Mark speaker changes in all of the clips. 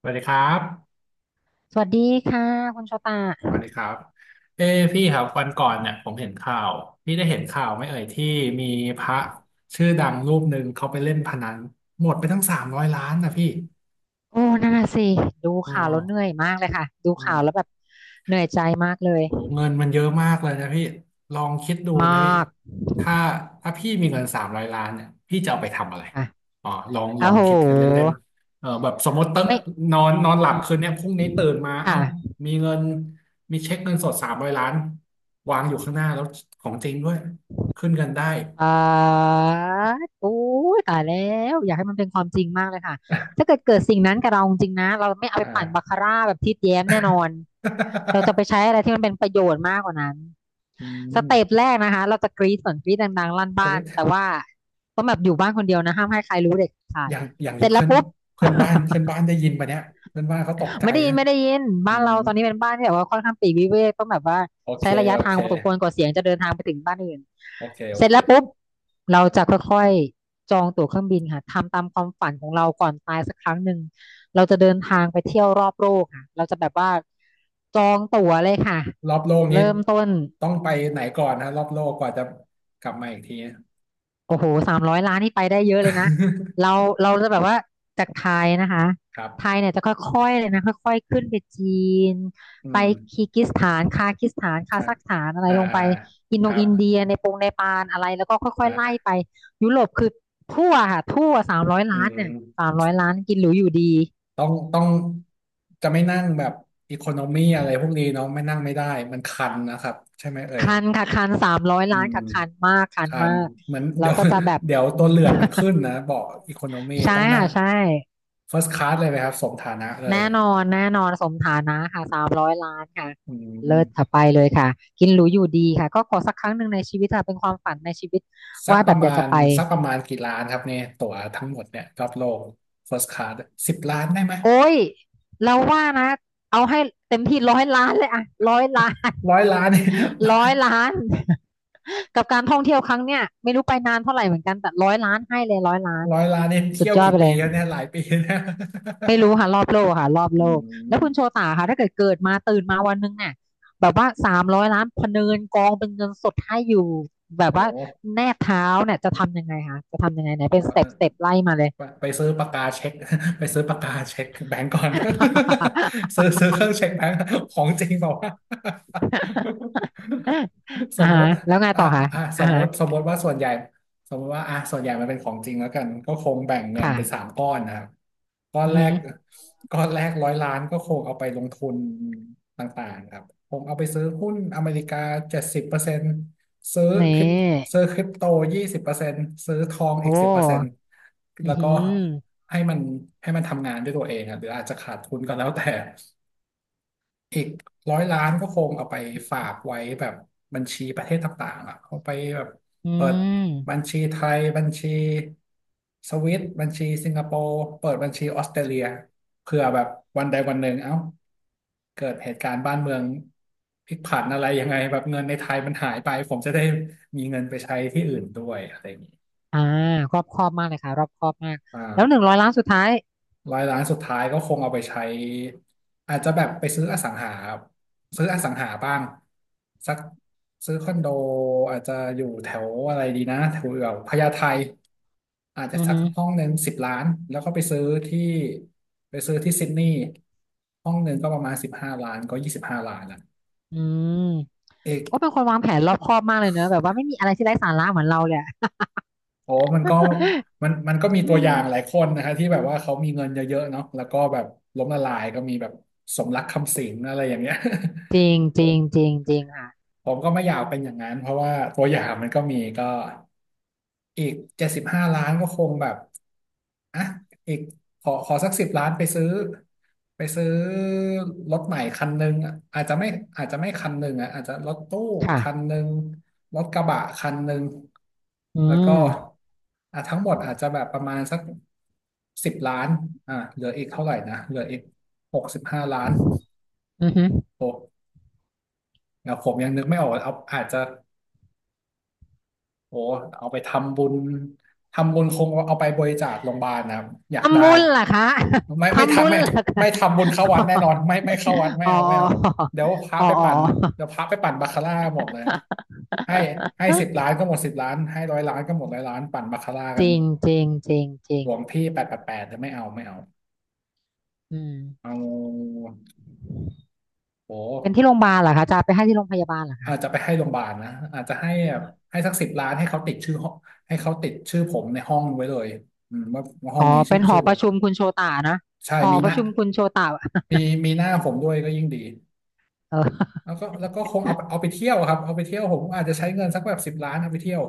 Speaker 1: สวัสดีครับ
Speaker 2: สวัสดีค่ะคุณโชตา
Speaker 1: สวัสดีครับเอ้พี่ครับวันก่อนเนี่ยผมเห็นข่าว พี่ได้เห็นข่าวไหม่เอ่ยที่มีพระชื่อดังรูปหนึ่งเขาไปเล่นพนันหมดไปทั้งสามร้อยล้านนะพี่
Speaker 2: โอ้นั่นน่ะสิดู
Speaker 1: อ๋อ
Speaker 2: ข่าวแล้วเหนื่อยมากเลยค่ะดู
Speaker 1: อ๋
Speaker 2: ข่าวแล้ว
Speaker 1: อ
Speaker 2: แบบเหนื่อยใจมากเลย
Speaker 1: โอ้เงินมันเยอะมากเลยนะพี่ลองคิดดู
Speaker 2: ม
Speaker 1: นะพี่
Speaker 2: าก
Speaker 1: ถ้าถ้าพี่มีเงินสามร้อยล้านเนี่ยพี่จะเอาไปทำอะไร
Speaker 2: ค่ะ
Speaker 1: อ๋อลองล
Speaker 2: อ้า
Speaker 1: อง
Speaker 2: โห
Speaker 1: คิดกันเล่นๆแบบสมมติ
Speaker 2: ไม่
Speaker 1: นอนนอนหลับ
Speaker 2: อืม
Speaker 1: คืนเนี้ยพรุ่งนี้ตื่นมาเอ้า
Speaker 2: ค่ะ
Speaker 1: มีเงินมีเช็คเงินสดสามร้อยล้านวางอยู่ข้างหน้าแล้วของจริงด้วยขึ้นเงินได้
Speaker 2: อ่าโอ้ยตายแล้วอยากให้มันเป็นความจริงมากเลยค่ะ ถ้าเกิดสิ่งนั้นกับเราจริงๆนะเราไม่เอาไป
Speaker 1: อ่า
Speaker 2: ปั่นบา คาร่าแบบทิดแย้มแน่นอนเราจะไปใช้อะไรที่มันเป็นประโยชน์มากกว่านั้น
Speaker 1: อื
Speaker 2: ส
Speaker 1: ม
Speaker 2: เต็ปแรกนะคะเราจะกรี๊ดก่อนกรี๊ดดังๆลั่น
Speaker 1: ก็
Speaker 2: บ้า
Speaker 1: เล
Speaker 2: นแต่ว่าต้องแบบอยู่บ้านคนเดียวนะห้ามให้ใครรู้เด็ดขา
Speaker 1: อ
Speaker 2: ด
Speaker 1: ย่างอย่าง
Speaker 2: เส
Speaker 1: นี้
Speaker 2: ร็จแล้
Speaker 1: เพื่
Speaker 2: ว
Speaker 1: อน
Speaker 2: ปุ๊บ
Speaker 1: เพื่อนบ้านได้ยินปะเนี่ยเพื่อนบ้านเขาตกใจ
Speaker 2: ไม่ได้ยิ
Speaker 1: นะ
Speaker 2: นไม่ได้ยิน
Speaker 1: อื
Speaker 2: บ้าน
Speaker 1: ม
Speaker 2: เราตอนนี้เป็นบ้านที่แบบว่าค่อนข้างปลีกวิเวกต้องแบบว่า
Speaker 1: โอเค
Speaker 2: ใช้ระยะ
Speaker 1: โอ
Speaker 2: ทาง
Speaker 1: เค
Speaker 2: พอสมควรกว่าเสียงจะเดินทางไปถึงบ้านอื่น
Speaker 1: โอเคโอ
Speaker 2: เสร็จ
Speaker 1: เค
Speaker 2: แล้วปุ๊บเราจะค่อยๆจองตั๋วเครื่องบินค่ะทำตามความฝันของเราก่อนตายสักครั้งหนึ่งเราจะเดินทางไปเที่ยวรอบโลกค่ะเราจะแบบว่าจองตั๋วเลยค่ะ
Speaker 1: รอบโลกนี้
Speaker 2: เริ่มต้น
Speaker 1: ต้องไปไหนก่อนนะรอบโลกกว่าจะกลับมาอีกที
Speaker 2: โอ้โห300 ล้านนี่ไปได้เยอะเลยนะ เรา เราจะแบบว่าจากไทยนะคะ
Speaker 1: ครั
Speaker 2: ไทย
Speaker 1: บ
Speaker 2: เนี่ยจะค่อยๆเลยนะค่อยๆขึ้นไปจีน
Speaker 1: อื
Speaker 2: ไป
Speaker 1: ม
Speaker 2: คีร์กซสถานคาซัคสถาน
Speaker 1: ค
Speaker 2: คา
Speaker 1: รับ
Speaker 2: ซัคสถานอะไร
Speaker 1: อ่า
Speaker 2: ลง
Speaker 1: อ่า
Speaker 2: ไป
Speaker 1: อ่า
Speaker 2: อิน
Speaker 1: ค
Speaker 2: โด
Speaker 1: รับ
Speaker 2: อินเดียในปงเนปาลอะไรแล้วก็ค่อยๆไล่
Speaker 1: อ่า
Speaker 2: ไปยุโรปคือทั่วค่ะทั่วสามร้อย
Speaker 1: อื
Speaker 2: ล้านเนี่ยสา
Speaker 1: ม
Speaker 2: มร้อยล้านกินหรูอยู่ดี
Speaker 1: ต้องจะไม่นั่งแบบอีโคโนมีอะไรพวกนี้เนาะไม่นั่งไม่ได้มันคันนะครับใช่ไหมเอ่ย
Speaker 2: คันค่ะคันสามร้อย
Speaker 1: อื
Speaker 2: ล้าน
Speaker 1: ม
Speaker 2: ค่ะคันมากคัน
Speaker 1: คัน
Speaker 2: มาก
Speaker 1: เหมือน
Speaker 2: เรา
Speaker 1: เดี๋ยว
Speaker 2: ก็จะแบบ
Speaker 1: เดี๋ยว
Speaker 2: อื
Speaker 1: ตัว
Speaker 2: ม
Speaker 1: เลือดมันขึ้ นนะเบาะอีโคโนมี
Speaker 2: ใช่
Speaker 1: ต้องนั่
Speaker 2: ค่ะ
Speaker 1: ง
Speaker 2: ใช่
Speaker 1: first class เลยไหมครับสมฐานะเลย
Speaker 2: แน่นอนแน่นอนสมฐานะค่ะสามร้อยล้านค่ะ
Speaker 1: อื
Speaker 2: เลิศค่ะ
Speaker 1: ม
Speaker 2: ไปเลยค่ะกินหรูอยู่ดีค่ะก็ขอสักครั้งหนึ่งในชีวิตค่ะเป็นความฝันในชีวิต
Speaker 1: สัก
Speaker 2: ว่า
Speaker 1: ป
Speaker 2: แบ
Speaker 1: ระ
Speaker 2: บอ
Speaker 1: มา
Speaker 2: ยากจะ
Speaker 1: ณ
Speaker 2: ไป
Speaker 1: สักประมาณกี่ล้านครับเนี่ยตั๋วทั้งหมดเนี่ยรอบโลก first class 10 ล้านได้ไหม
Speaker 2: โอ้ยเราว่านะเอาให้เต็มที่ร้อยล้านเลยอะร้อยล้าน
Speaker 1: 100 ล้านเนี่ย
Speaker 2: ร้อยล้าน กับการท่องเที่ยวครั้งเนี้ยไม่รู้ไปนานเท่าไหร่เหมือนกันแต่ร้อยล้านให้เลยร้อยล้าน
Speaker 1: 100 ล้านเนี่ย
Speaker 2: สุ
Speaker 1: เที่
Speaker 2: ด
Speaker 1: ยว
Speaker 2: ยอด
Speaker 1: กี่
Speaker 2: ไป
Speaker 1: ปี
Speaker 2: เลย
Speaker 1: แล้วเนี่ยหลายปีนะ
Speaker 2: ไม่รู้ค่ะรอบโลกค่ะรอบ
Speaker 1: อื
Speaker 2: โลกแล้
Speaker 1: ม
Speaker 2: วคุณโชตาค่ะถ้าเกิดมาตื่นมาวันหนึงเนี่ยแบบว่าสามร้อยล้านพะเนินกองเป็นเงินสดให้อยู่แบบ
Speaker 1: โอ้
Speaker 2: ว่าแนบเท้าเนี่ยจะทำยังไงคะจะทำยังไงไหนเป็
Speaker 1: เอ
Speaker 2: น
Speaker 1: อ
Speaker 2: สเต็ปไล่มาเลย
Speaker 1: ไปซื้อปากกาเช็ค ไปซื้อปากกาเช็คแบงก์ก่อน ซื้อเครื่องเช็คแบงก์ของจริงบอกว่าวะ ส
Speaker 2: อ่า
Speaker 1: มม
Speaker 2: ฮะ
Speaker 1: ติ
Speaker 2: แล้วไง
Speaker 1: อ่ะ
Speaker 2: ต่อคะ
Speaker 1: อ่ะส
Speaker 2: อ่า
Speaker 1: มม
Speaker 2: ฮะ
Speaker 1: ติสมมติว่าส่วนใหญ่สมมติว่าอ่ะส่วนใหญ่มันเป็นของจริงแล้วกันก็คงแบ่งเงิน
Speaker 2: ค่ะ
Speaker 1: เป็นสามก้อนนะครับก้อน
Speaker 2: อื
Speaker 1: แรก
Speaker 2: ม
Speaker 1: ก้อนแรกร้อยล้านก็คงเอาไปลงทุนต่างๆครับคงเอาไปซื้อหุ้นอเมริกา70% ซื้อ
Speaker 2: อนี
Speaker 1: คริป
Speaker 2: ่
Speaker 1: ซื้อคริปโต20%ซื้อทอง
Speaker 2: โอ้
Speaker 1: อีกสิบเปอร์เซ็นต์
Speaker 2: อื
Speaker 1: แล้
Speaker 2: อ
Speaker 1: วก็
Speaker 2: หือ
Speaker 1: ให้มันให้มันทำงานด้วยตัวเองอะหรืออาจจะขาดทุนก็แล้วแต่ อีก100 ล้านก็คงเอาไปฝากไว้แบบบัญชีประเทศต่างๆอ่ะเอาไปแบบ
Speaker 2: อื
Speaker 1: เปิดบัญ
Speaker 2: ม
Speaker 1: ชีไทยบัญชีสวิตบัญชีสิงคโปร์เปิดบัญชีออสเตรเลียเผื่อแบบวันใดวันหนึ่งเอ้าเกิดเหตุการณ์บ้านเมืองพลิกผันอะไรยังไงแบบเงินในไทยมันหายไปผมจะได้มีเงินไปใช้ที่อื่นด้วยอะไรอย่างนี้
Speaker 2: อ่ารอบคอบมากเลยค่ะรอบคอบมาก
Speaker 1: อ่
Speaker 2: แล้วหนึ่ง
Speaker 1: า
Speaker 2: ร้อยล้านสุดท้าย
Speaker 1: ร้อยล้านสุดท้ายก็คงเอาไปใช้อาจจะแบบไปซื้ออสังหาซื้ออสังหาบ้างสักซื้อคอนโดอาจจะอยู่แถวอะไรดีนะแถวพญาไทอาจจะ
Speaker 2: อือ
Speaker 1: สัก
Speaker 2: หือ
Speaker 1: ห้องหนึ่งสิบล้านแล้วก็ที่ไปซื้อที่ซิดนีย์ห้องหนึ่งก็ประมาณสิบห้าล้านก็25 ล้านละ
Speaker 2: อืม
Speaker 1: เอก
Speaker 2: โอ้เป็นคนวางแผนรอบคอบมากเลยเนอะแบบว่าไม่มีอะไรที่ไร้สาระเหมือนเราเลยอะ
Speaker 1: โอ้มันก็ มันก็มี
Speaker 2: อื
Speaker 1: ตัวอ
Speaker 2: ม
Speaker 1: ย่างหลายคนนะคะที่แบบว่าเขามีเงินเยอะๆเนาะแล้วก็แบบล้มละลายก็มีแบบสมรักคำสิงห์อะไรอย่างเงี้ย
Speaker 2: จริงจริงจริงจริงค่ะ
Speaker 1: ผมก็ไม่อยากเป็นอย่างนั้นเพราะว่าตัวอย่างมันก็มีก็อีก75 ล้านก็คงแบบอ่ะอีกขอสักสิบล้านไปซื้อรถใหม่คันหนึ่งอะอาจจะไม่คันหนึ่งอ่ะอาจจะรถตู้
Speaker 2: ค่ะ
Speaker 1: คันหนึ่งรถกระบะคันหนึ่ง
Speaker 2: อื
Speaker 1: แล้วก็
Speaker 2: ม
Speaker 1: อ่ะทั้งหมดอาจจะแบบประมาณสักสิบล้านอ่ะเหลืออีกเท่าไหร่นะเหลืออีก65 ล้าน
Speaker 2: อือฮึ
Speaker 1: โอ้แล้วผมยังนึกไม่ออกเอาอาจจะ โอ้เอาไปทำบุญคงเอาไปบริจาคโรงพยาบาลนะครับอยากได้
Speaker 2: ทำบุญเหรอคะ
Speaker 1: ไม่ ไม่
Speaker 2: ทำบุ
Speaker 1: ทำ
Speaker 2: ญ
Speaker 1: ไม่
Speaker 2: เหรอคะ
Speaker 1: ไม่ทำบุญเข้าวัดแน่นอนไม่เข้าวัด ไม่
Speaker 2: อ๋อ
Speaker 1: เอาไม่เอาเดี๋ยวพระ
Speaker 2: อ๋อ
Speaker 1: ไป
Speaker 2: อ๋อ
Speaker 1: ปั่นเดี๋ยวพระไปปั่นบาคาร่าหมดเลยให้ให้สิบล้านก็หมดสิบล้านให้ร้อยล้านก็หมดร้อยล้านปั่นบาคาร่ากั
Speaker 2: จ
Speaker 1: น
Speaker 2: ริงจริงจริงจริ
Speaker 1: หล
Speaker 2: ง
Speaker 1: วงพี่888จะไม่เอาไม่เอา
Speaker 2: อืม
Speaker 1: เอาโอ้
Speaker 2: เป็นที่โรงพยาบาลเหรอคะจะเอาไปให้ที่โรงพยาบาลเหรอคะ
Speaker 1: อาจจะไปให้โรงพยาบาลนะอาจจะให้แบบให้สักสิบล้านให้เขาติดชื่อห้องให้เขาติดชื่อผมในห้องไว้เลยอืมว่าห้อง
Speaker 2: อ๋อ
Speaker 1: นี้ชื่
Speaker 2: เป็
Speaker 1: อ
Speaker 2: นห
Speaker 1: ชื่
Speaker 2: อ
Speaker 1: อผ
Speaker 2: ประ
Speaker 1: ม
Speaker 2: ชุมคุณโชตานะ
Speaker 1: ใช่
Speaker 2: หอ
Speaker 1: มีห
Speaker 2: ประ
Speaker 1: น้า
Speaker 2: ชุมคุณโชตา
Speaker 1: มีมีหน้าผมด้วยก็ยิ่งดี
Speaker 2: เออ
Speaker 1: แล้วก็คงเอาไปเที่ยวครับเอาไปเที่ยวผมอาจจะใช้เงินสักแบบสิบล้านเอาไปเที่ยว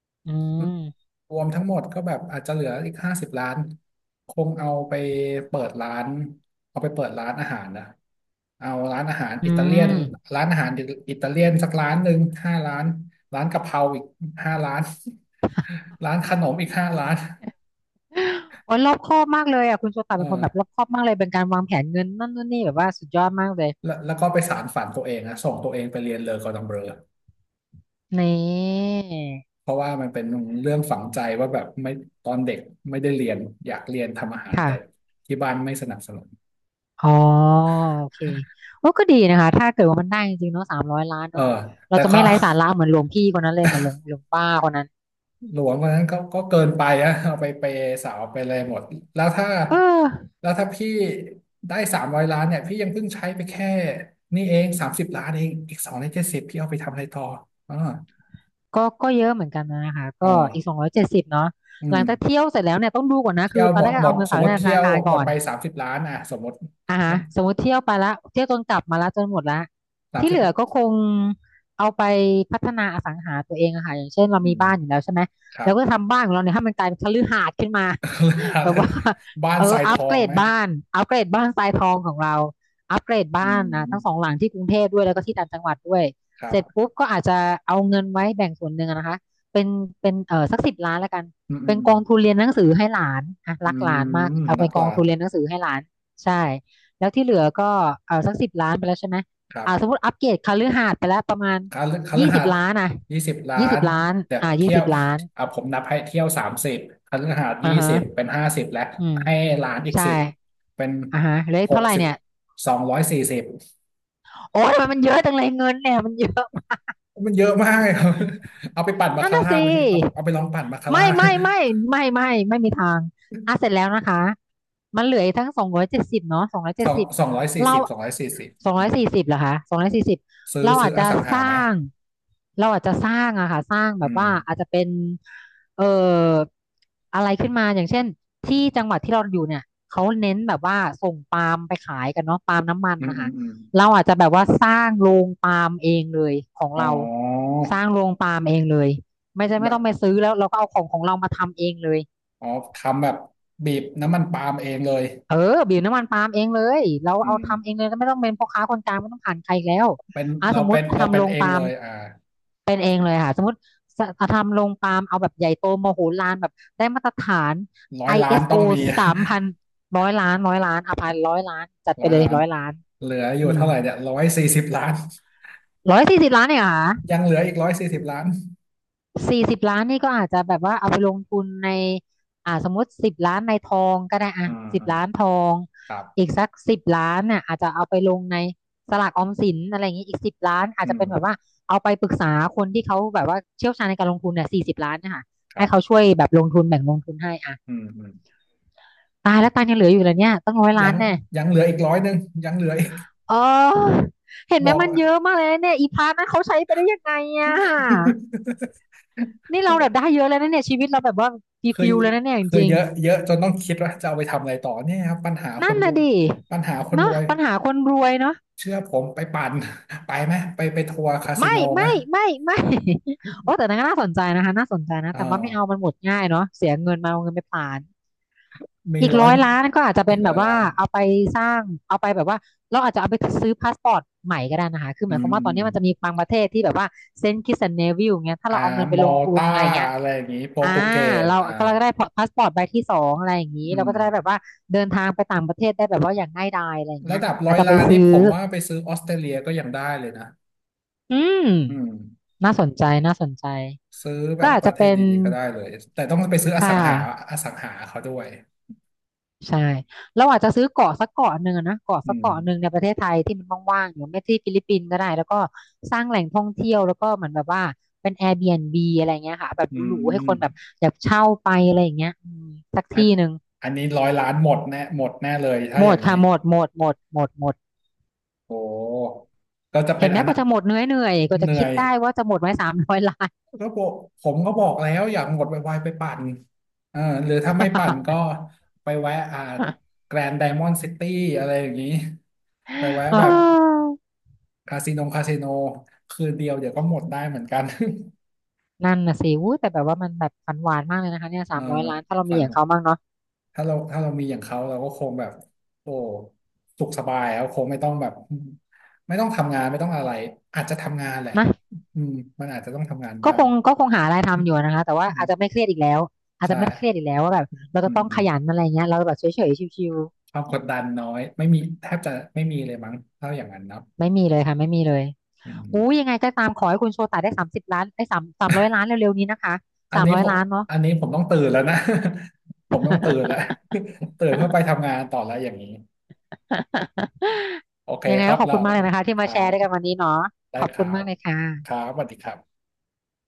Speaker 2: อืม
Speaker 1: รวมทั้งหมดก็แบบอาจจะเหลืออีก50 ล้านคงเปิดร้านเอาไปเปิดร้านอาหารนะเอาร้านอาหาร
Speaker 2: อื
Speaker 1: อิตาเลียน
Speaker 2: ม
Speaker 1: ร้านอาหารอิตาเลียนสักร้านหนึ่งห้าร้านร้านกะเพราอีกห้าร้าน ร้านขนมอีก5 ร้าน
Speaker 2: โอ้ยรอบคอบมากเลยอ่ะคุณโชตะ
Speaker 1: เอ
Speaker 2: เป็นคนแบบร
Speaker 1: อ
Speaker 2: อบคอบมากเลยเป็นการวางแผนเงินนั่นนู่นนี่แบบว่าสุดยอดมากเลย
Speaker 1: แล้วก็ไปสานฝันตัวเองนะส่งตัวเองไปเรียนเลอกอร์ดองเบลอ
Speaker 2: นี่
Speaker 1: เพราะว่ามันเป็นเรื่องฝังใจว่าแบบไม่ตอนเด็กไม่ได้เรียนอยากเรียนทำอาหาร
Speaker 2: ค่ะ
Speaker 1: แต่ที่บ้านไม่สนับสนุน
Speaker 2: อ๋อโอเคโอ้ก็ดีนะคะถ้าเกิดว่ามันได้จริงๆเนาะสามร้อยล้าน
Speaker 1: เออ
Speaker 2: เนาะเรา
Speaker 1: แต่
Speaker 2: จะ
Speaker 1: ก็
Speaker 2: ไม่ ไร้สาระเหมือนหลวงพี่คนนั้นเลยเหมือนหลวงป้าคนนั้น
Speaker 1: หลวงคนนั้นก็เกินไปนะเอาไปเปย์สาวไปเลยหมดแล้วถ้า
Speaker 2: เออ
Speaker 1: แล้วถ้าพี่ได้300 ล้านเนี่ยพี่ยังเพิ่งใช้ไปแค่นี่เองสามสิบล้านเองอีกสองใน70พี่เอาไปทำอะไรต่ออ่า
Speaker 2: ก็ก็เยอะเหมือนกันนะคะ
Speaker 1: อ๋อ
Speaker 2: ก็อีก270เนาะ
Speaker 1: อื
Speaker 2: หลั
Speaker 1: ม
Speaker 2: งจากเที่ยวเสร็จแล้วเนี่ยต้องดูก่อนนะ
Speaker 1: เที่
Speaker 2: คื
Speaker 1: ย
Speaker 2: อ
Speaker 1: ว
Speaker 2: ตอ
Speaker 1: หม
Speaker 2: นแร
Speaker 1: ด
Speaker 2: กก็
Speaker 1: หม
Speaker 2: เอา
Speaker 1: ด
Speaker 2: เงิน
Speaker 1: ส
Speaker 2: ฝา
Speaker 1: ม
Speaker 2: ก
Speaker 1: ม
Speaker 2: ไว้
Speaker 1: ติ
Speaker 2: ในธ
Speaker 1: เที่ย
Speaker 2: นา
Speaker 1: ว
Speaker 2: คาร
Speaker 1: หม
Speaker 2: ก่
Speaker 1: ด
Speaker 2: อน
Speaker 1: ไปสามสิบล้านอ่ะสมมติ
Speaker 2: อ่า
Speaker 1: เที่
Speaker 2: ฮะ
Speaker 1: ยว
Speaker 2: สมมติเที่ยวไปละเที่ยวจนกลับมาละจนหมดละ
Speaker 1: สาม
Speaker 2: ที่
Speaker 1: สิ
Speaker 2: เห
Speaker 1: บ
Speaker 2: ลือก็คงเอาไปพัฒนาอสังหาตัวเองอะค่ะอย่างเช่นเรา
Speaker 1: อื
Speaker 2: มี
Speaker 1: ม
Speaker 2: บ้านอยู่แล้วใช่ไหม
Speaker 1: ครั
Speaker 2: เรา
Speaker 1: บ
Speaker 2: ก็ทำบ้านของเราเนี่ยให้มันกลายเป็นคฤหาสน์ขึ้นมา แบบว่า
Speaker 1: บ้าน
Speaker 2: เออ
Speaker 1: ทรายท
Speaker 2: อัป
Speaker 1: อ
Speaker 2: เกร
Speaker 1: ง
Speaker 2: ด
Speaker 1: ไหม
Speaker 2: บ้านอัปเกรดบ้านทรายทองของเราอัปเกรดบ้า
Speaker 1: อื
Speaker 2: นนะทั้งสอง
Speaker 1: ม
Speaker 2: หลังที่กรุงเทพด้วยแล้วก็ที่ต่างจังหวัดด้วย
Speaker 1: ครั
Speaker 2: เสร็จ
Speaker 1: บ
Speaker 2: ปุ๊บก็อาจจะเอาเงินไว้แบ่งส่วนหนึ่งอะนะคะเป็นเป็นเออสักสิบล้านแล้วกัน
Speaker 1: อืมอื
Speaker 2: เป็
Speaker 1: ม
Speaker 2: น
Speaker 1: อื
Speaker 2: ก
Speaker 1: ม
Speaker 2: องทุนเรียนหนังสือให้หลานอ่ะ
Speaker 1: อื
Speaker 2: รักหลานมา
Speaker 1: ม
Speaker 2: กเอา
Speaker 1: นั
Speaker 2: ไป
Speaker 1: ก
Speaker 2: ก
Speaker 1: ห
Speaker 2: อ
Speaker 1: ลา
Speaker 2: ง
Speaker 1: น
Speaker 2: ทุนเรียนหนังสือให้หลานใช่ แล้วที่เหลือก็เออสักสิบล้านไปแล้วใช่ไหม
Speaker 1: ครั
Speaker 2: อ่าสม
Speaker 1: บ
Speaker 2: มติอัปเกรดคฤหาสน์ไปแล้วประมาณ
Speaker 1: คฤคฤ
Speaker 2: ยี่สิ
Speaker 1: หา
Speaker 2: บ
Speaker 1: สน์
Speaker 2: ล้านอ่ะ
Speaker 1: ยี่สิบล้า
Speaker 2: ยี่สิ
Speaker 1: น
Speaker 2: บล้าน
Speaker 1: เดี๋ยว
Speaker 2: อ่ายี่
Speaker 1: เที่ย
Speaker 2: สิ
Speaker 1: ว
Speaker 2: บล้าน
Speaker 1: อ่ะผมนับให้เที่ยวสามสิบคฤหาสน์
Speaker 2: อ่า
Speaker 1: ยี่
Speaker 2: ฮะ
Speaker 1: สิบเป็นห้าสิบแล้ว
Speaker 2: อืม
Speaker 1: ให้ล้านอีก
Speaker 2: ใช่
Speaker 1: สิบเป็น
Speaker 2: อ่าฮะเหลข
Speaker 1: ห
Speaker 2: เท่า
Speaker 1: ก
Speaker 2: ไหร่
Speaker 1: สิบ
Speaker 2: เนี่ย
Speaker 1: สองร้อยสี่สิบ
Speaker 2: โอ้ยทำไมมันเยอะจังเลยเงินเนี่ยมันเยอะ
Speaker 1: มันเยอะมากเลยครับ เอาไปปั่นบา
Speaker 2: นั่น
Speaker 1: คา
Speaker 2: น่ะ
Speaker 1: ร่า
Speaker 2: สิ
Speaker 1: ไหมพี่เอาไปลองปั่นบาคาร่า
Speaker 2: ไม่ไม่ไม่ไม่ไม่ไม่มีทางอ่ะเสร็จแล้วนะคะมันเหลืออีกทั้งสองร้อยเจ็ดสิบเนาะสองร้อย
Speaker 1: ส
Speaker 2: เจ็ด
Speaker 1: อง
Speaker 2: สิบ
Speaker 1: สองร้อยสี่
Speaker 2: เรา
Speaker 1: สิบสองร้อยสี่สิบ
Speaker 2: สอง
Speaker 1: อื
Speaker 2: ร้อย
Speaker 1: ม
Speaker 2: สี่สิบเหรอคะสองร้อยสี่สิบ
Speaker 1: ซื้อ
Speaker 2: เรา
Speaker 1: ซื้
Speaker 2: อา
Speaker 1: อ
Speaker 2: จ
Speaker 1: อ
Speaker 2: จะ
Speaker 1: สัง
Speaker 2: ส
Speaker 1: หา
Speaker 2: ร้า
Speaker 1: ไหม
Speaker 2: งเราอาจจะสร้างอะค่ะสร้างแบ
Speaker 1: อื
Speaker 2: บ
Speaker 1: ม
Speaker 2: ว่าอาจจะเป็นเอ่ออะไรขึ้นมาอย่างเช่นที่จังหวัดที่เราอยู่เนี่ยเขาเน้นแบบว่าส่งปาล์มไปขายกันเนาะปาล์มน้ำมัน
Speaker 1: อืม
Speaker 2: นะ
Speaker 1: อื
Speaker 2: คะ
Speaker 1: มอืม
Speaker 2: เราอาจจะแบบว่าสร้างโรงปาล์มเองเลยของ
Speaker 1: อ๋
Speaker 2: เรา
Speaker 1: อ
Speaker 2: สร้างโรงปาล์มเองเลย ไม่ใช่ไม่
Speaker 1: แบ
Speaker 2: ต้
Speaker 1: บ
Speaker 2: องไปซื้อแล้วเราก็เอาของเรามาทำเองเลย
Speaker 1: อ๋อทำแบบบีบน้ำมันปาล์มเองเลย
Speaker 2: เออบีบน้ำมันปาล์มเองเลยเรา
Speaker 1: อื
Speaker 2: เอาทำเอ
Speaker 1: ม
Speaker 2: งเลยไม่ต้องเป็นพ่อค้าคนกลางไม่ต้องผ่านใครอีกแล้ว
Speaker 1: เป็น
Speaker 2: อ่ะ
Speaker 1: เรา
Speaker 2: สมม
Speaker 1: เป็
Speaker 2: ติ
Speaker 1: นเรา
Speaker 2: ทำ
Speaker 1: เป็น
Speaker 2: โรง
Speaker 1: เอง
Speaker 2: ปา
Speaker 1: เล
Speaker 2: ล์ม
Speaker 1: ยอ่า
Speaker 2: เป็นเองเลยค่ะสมมติสทำโรงปาล์มเอาแบบใหญ่โตมโหฬารแบบได้มาตรฐาน
Speaker 1: ร้อยล้าน
Speaker 2: ISO
Speaker 1: ต้
Speaker 2: ส
Speaker 1: องมี
Speaker 2: โอ3000ร้อยล้านร้อยล้านอ่ะพันร้อยล้านจัด ไป
Speaker 1: ร้อย
Speaker 2: เลย
Speaker 1: ล้าน
Speaker 2: ร้อยล้าน
Speaker 1: เหลืออ
Speaker 2: อื
Speaker 1: ยู่
Speaker 2: ม
Speaker 1: เท่าไหร่เนี่ยร้อยสี่สิบล้าน
Speaker 2: 140 ล้านเนี่ยเหรอค่ะ
Speaker 1: ยังเหลืออีกร้อยสี่สิบล้าน
Speaker 2: สี่สิบล้านนี่ก็อาจจะแบบว่าเอาไปลงทุนในอ่าสมมติสิบล้านในทองก็ได้อ่ะ
Speaker 1: อ่า
Speaker 2: สิบ
Speaker 1: อ่า
Speaker 2: ล้านทอง
Speaker 1: ครับ
Speaker 2: อีกสักสิบล้านน่ะอาจจะเอาไปลงในสลากออมสินอะไรอย่างนี้อีกสิบล้านอาจ
Speaker 1: อื
Speaker 2: จะ
Speaker 1: ม
Speaker 2: เป็นแบบว่าเอาไปปรึกษาคนที่เขาแบบว่าเชี่ยวชาญในการลงทุนเนี่ยสี่สิบล้านเนะคะ
Speaker 1: ครั
Speaker 2: ให้เขา
Speaker 1: บ
Speaker 2: ช่วยแบบลงทุนแบ่งลงทุนให้อ่ะ
Speaker 1: อืมอืม
Speaker 2: ตายแล้วตังค์ยังเหลืออยู่เลยเนี่ยตั้งร้อยล้า
Speaker 1: ยั
Speaker 2: น
Speaker 1: ง
Speaker 2: แน่
Speaker 1: ยังเหลืออีก100ยังเหลืออีก
Speaker 2: เออเห็น
Speaker 1: บ
Speaker 2: ไหม
Speaker 1: อก
Speaker 2: มันเยอะมากเลยนะเนี่ยอีพาร์ทนั้นเขาใช้ไปได้ยังไงอ่ะนี่เราแบ บได้เยอะแล้วนะเนี่ยชีวิตเราแบบว่าดี
Speaker 1: เคย
Speaker 2: ฟิลเลยนะเนี่ยจ
Speaker 1: เคย
Speaker 2: ริง
Speaker 1: เยอะเยอะจนต้องคิดว่าจะเอาไปทำอะไรต่อเนี่ยครับปัญหาค
Speaker 2: นั่
Speaker 1: น
Speaker 2: น
Speaker 1: ร
Speaker 2: น่ะ
Speaker 1: วย
Speaker 2: ดิ
Speaker 1: ปัญหาคนร
Speaker 2: เนาะ
Speaker 1: วย
Speaker 2: ปัญหาคนรวยเนาะ
Speaker 1: เชื่อผมไปปั่น ไปไหมไปทัวร์คาสิ
Speaker 2: ไม่
Speaker 1: โนไหม
Speaker 2: ไม่ไม่ไม่ โอ้แต่นั้นก็น่าสนใจนะคะน่าสนใจนะ
Speaker 1: อ่า
Speaker 2: แต่ว่า
Speaker 1: ว
Speaker 2: ไม่เอามันหมดง่ายเนาะเสียเงินมาเอาเงินไปผลาน
Speaker 1: มี
Speaker 2: อีก
Speaker 1: ร้อย
Speaker 2: ร้อยล้านก็อาจจะ
Speaker 1: อี
Speaker 2: เป็น
Speaker 1: ก
Speaker 2: แบ
Speaker 1: ร้อย
Speaker 2: บว่า
Speaker 1: ล้าน
Speaker 2: เอาไปสร้างเอาไปแบบว่าเราอาจจะเอาไปซื้อพาสปอร์ตใหม่ก็ได้นะคะคือห
Speaker 1: อื
Speaker 2: มายค
Speaker 1: ม
Speaker 2: วามว่าตอ
Speaker 1: อื
Speaker 2: น
Speaker 1: ม
Speaker 2: นี้มันจะมี
Speaker 1: อ
Speaker 2: บางประเทศที่แบบว่าเซนต์คิตส์แอนด์เนวิลเงี้ยถ้า
Speaker 1: ่า
Speaker 2: เราเอาเงินไป
Speaker 1: มอ
Speaker 2: ลง
Speaker 1: ล
Speaker 2: ทุน
Speaker 1: ต้า
Speaker 2: อะไรเงี้ย
Speaker 1: อะไรอย่างนี้โปร
Speaker 2: อ่า
Speaker 1: ตุเกส
Speaker 2: เรา
Speaker 1: อ่า
Speaker 2: ก็เราก็ได้พาสปอร์ตใบที่ 2อะไรอย่างนี้
Speaker 1: อื
Speaker 2: เรา
Speaker 1: ม
Speaker 2: ก็จะได้แบบว่าเดินทางไปต่างประเทศได้แบบว่าอย่างง่ายดายอะไรอย่างเงี้
Speaker 1: ระ
Speaker 2: ย
Speaker 1: ดับร้
Speaker 2: อา
Speaker 1: อ
Speaker 2: จ
Speaker 1: ย
Speaker 2: จะไป
Speaker 1: ล้านนี้
Speaker 2: ซื้อ
Speaker 1: ผมว่าไปซื้อออสเตรเลียก็ยังได้เลยนะ
Speaker 2: อืม
Speaker 1: อืม
Speaker 2: น่าสนใจน่าสนใจ
Speaker 1: ซื้อแบ
Speaker 2: ก็
Speaker 1: บ
Speaker 2: อาจ
Speaker 1: ป
Speaker 2: จะ
Speaker 1: ระเท
Speaker 2: เป็
Speaker 1: ศ
Speaker 2: น
Speaker 1: ดีๆก็ได้เลยแต่ต้องไปซื้ออ
Speaker 2: ค่ะ
Speaker 1: สังหาอสังหาเขาด้วย
Speaker 2: ใช่เราอาจจะซื้อเกาะสักเกาะหนึ่งอะนะเกาะ
Speaker 1: อื
Speaker 2: สัก
Speaker 1: ม
Speaker 2: เกาะหนึ่งในประเทศไทยที่มันว่างๆหรือไม่ที่ฟิลิปปินส์ก็ได้แล้วก็สร้างแหล่งท่องเที่ยวแล้วก็เหมือนแบบว่าเป็น Airbnb อะไรเงี้ยค่ะแบบ
Speaker 1: อื
Speaker 2: หรูๆให้คนแบบ
Speaker 1: ม
Speaker 2: อยากเช่าไปอะไรอย่างเงี้ยอืมสัก
Speaker 1: อัน
Speaker 2: ที่หนึ่ง
Speaker 1: อันนี้ร้อยล้านหมดแน่หมดแน่เลยถ้า
Speaker 2: หม
Speaker 1: อย่า
Speaker 2: ด
Speaker 1: งนี้
Speaker 2: ค่ะหมดหมดหมดหมดหมด
Speaker 1: โอ้ก็จะเป็
Speaker 2: เห็
Speaker 1: น
Speaker 2: นไหม
Speaker 1: อัน
Speaker 2: ก
Speaker 1: น่ะ
Speaker 2: ว่าจะหมดเหนื่อยเหนื่อยกว่า
Speaker 1: เห
Speaker 2: จะ
Speaker 1: นื่อ
Speaker 2: คิด
Speaker 1: ย
Speaker 2: ได้ว่าจะหมดไว้สามร้อยล้าน
Speaker 1: ก็บอกผมก็บอกแล้วอยากหมดไวๆไปปั่นเออหรือถ้าไม่ปั่นก็ไปแวะอ่า แกรนด์ไดมอนด์ซิตี้อะไรอย่างนี้ไปแวะ
Speaker 2: อ้า
Speaker 1: แบบ
Speaker 2: ว
Speaker 1: คาสิโนคาสิโนคืนเดียวเดี๋ยวก็หมดได้เหมือนกัน
Speaker 2: นั่นน่ะสิวู้แต่แบบว่ามันแบบฝันหวานมากเลยนะคะเนี่ย
Speaker 1: เอ
Speaker 2: สา
Speaker 1: อ
Speaker 2: มร้อยล้านถ้าเรามี
Speaker 1: ฝัน
Speaker 2: อย่างเขาบ้างเนาะ
Speaker 1: ถ้าเรามีอย่างเขาเราก็คงแบบโอ้สุขสบายแล้วคงไม่ต้องแบบไม่ต้องทำงานไม่ต้องอะไรอาจจะทำงานแหละ
Speaker 2: นะ
Speaker 1: อืมมันอาจจะต้องทำงาน
Speaker 2: ก็
Speaker 1: บ้า
Speaker 2: ค
Speaker 1: ง
Speaker 2: งก็คงหาอะไรทำอยู่นะคะแต่ ว่า
Speaker 1: อืม
Speaker 2: อาจจะไม่เครียดอีกแล้วอาจ
Speaker 1: ใช
Speaker 2: จะไม่เครียด
Speaker 1: ่
Speaker 2: อีกแล้วว่าแบบเรา
Speaker 1: อื
Speaker 2: จะต้องขยัน
Speaker 1: ม
Speaker 2: อะไรเงี้ยเราแบบเฉยๆชิว
Speaker 1: ความกดดันน้อยไม่มีแทบจะไม่มีเลยมั้งถ้าอย่างนั้นเนาะ
Speaker 2: ๆไม่มีเลยค่ะไม่มีเลย
Speaker 1: อื
Speaker 2: อู้ยั
Speaker 1: ม
Speaker 2: งไงก็ตามขอให้คุณโชตาได้30 ล้านได้สามสามร้อยล้านเร็วๆนี้นะคะ
Speaker 1: อัน
Speaker 2: สาม
Speaker 1: นี้
Speaker 2: ร้อย
Speaker 1: ผม
Speaker 2: ล้านเนาะ
Speaker 1: อันนี้ผมต้องตื่นแล้วนะ ผมต้องตื่นแล้ว ตื่นเพื่อไปทำงานต่อแล้วอย่างนี้โอเค
Speaker 2: ยังไง
Speaker 1: ครั
Speaker 2: ก็
Speaker 1: บ
Speaker 2: ขอบ
Speaker 1: เรา
Speaker 2: คุณมากเลยนะคะที่
Speaker 1: ค
Speaker 2: มา
Speaker 1: รั
Speaker 2: แชร์
Speaker 1: บ
Speaker 2: ด้วยกันวันนี้เนาะ
Speaker 1: ได้
Speaker 2: ขอบ
Speaker 1: ค
Speaker 2: คุ
Speaker 1: รั
Speaker 2: ณมา
Speaker 1: บ
Speaker 2: กเลยค
Speaker 1: ครั
Speaker 2: ่ะ
Speaker 1: บสวัสดีครับ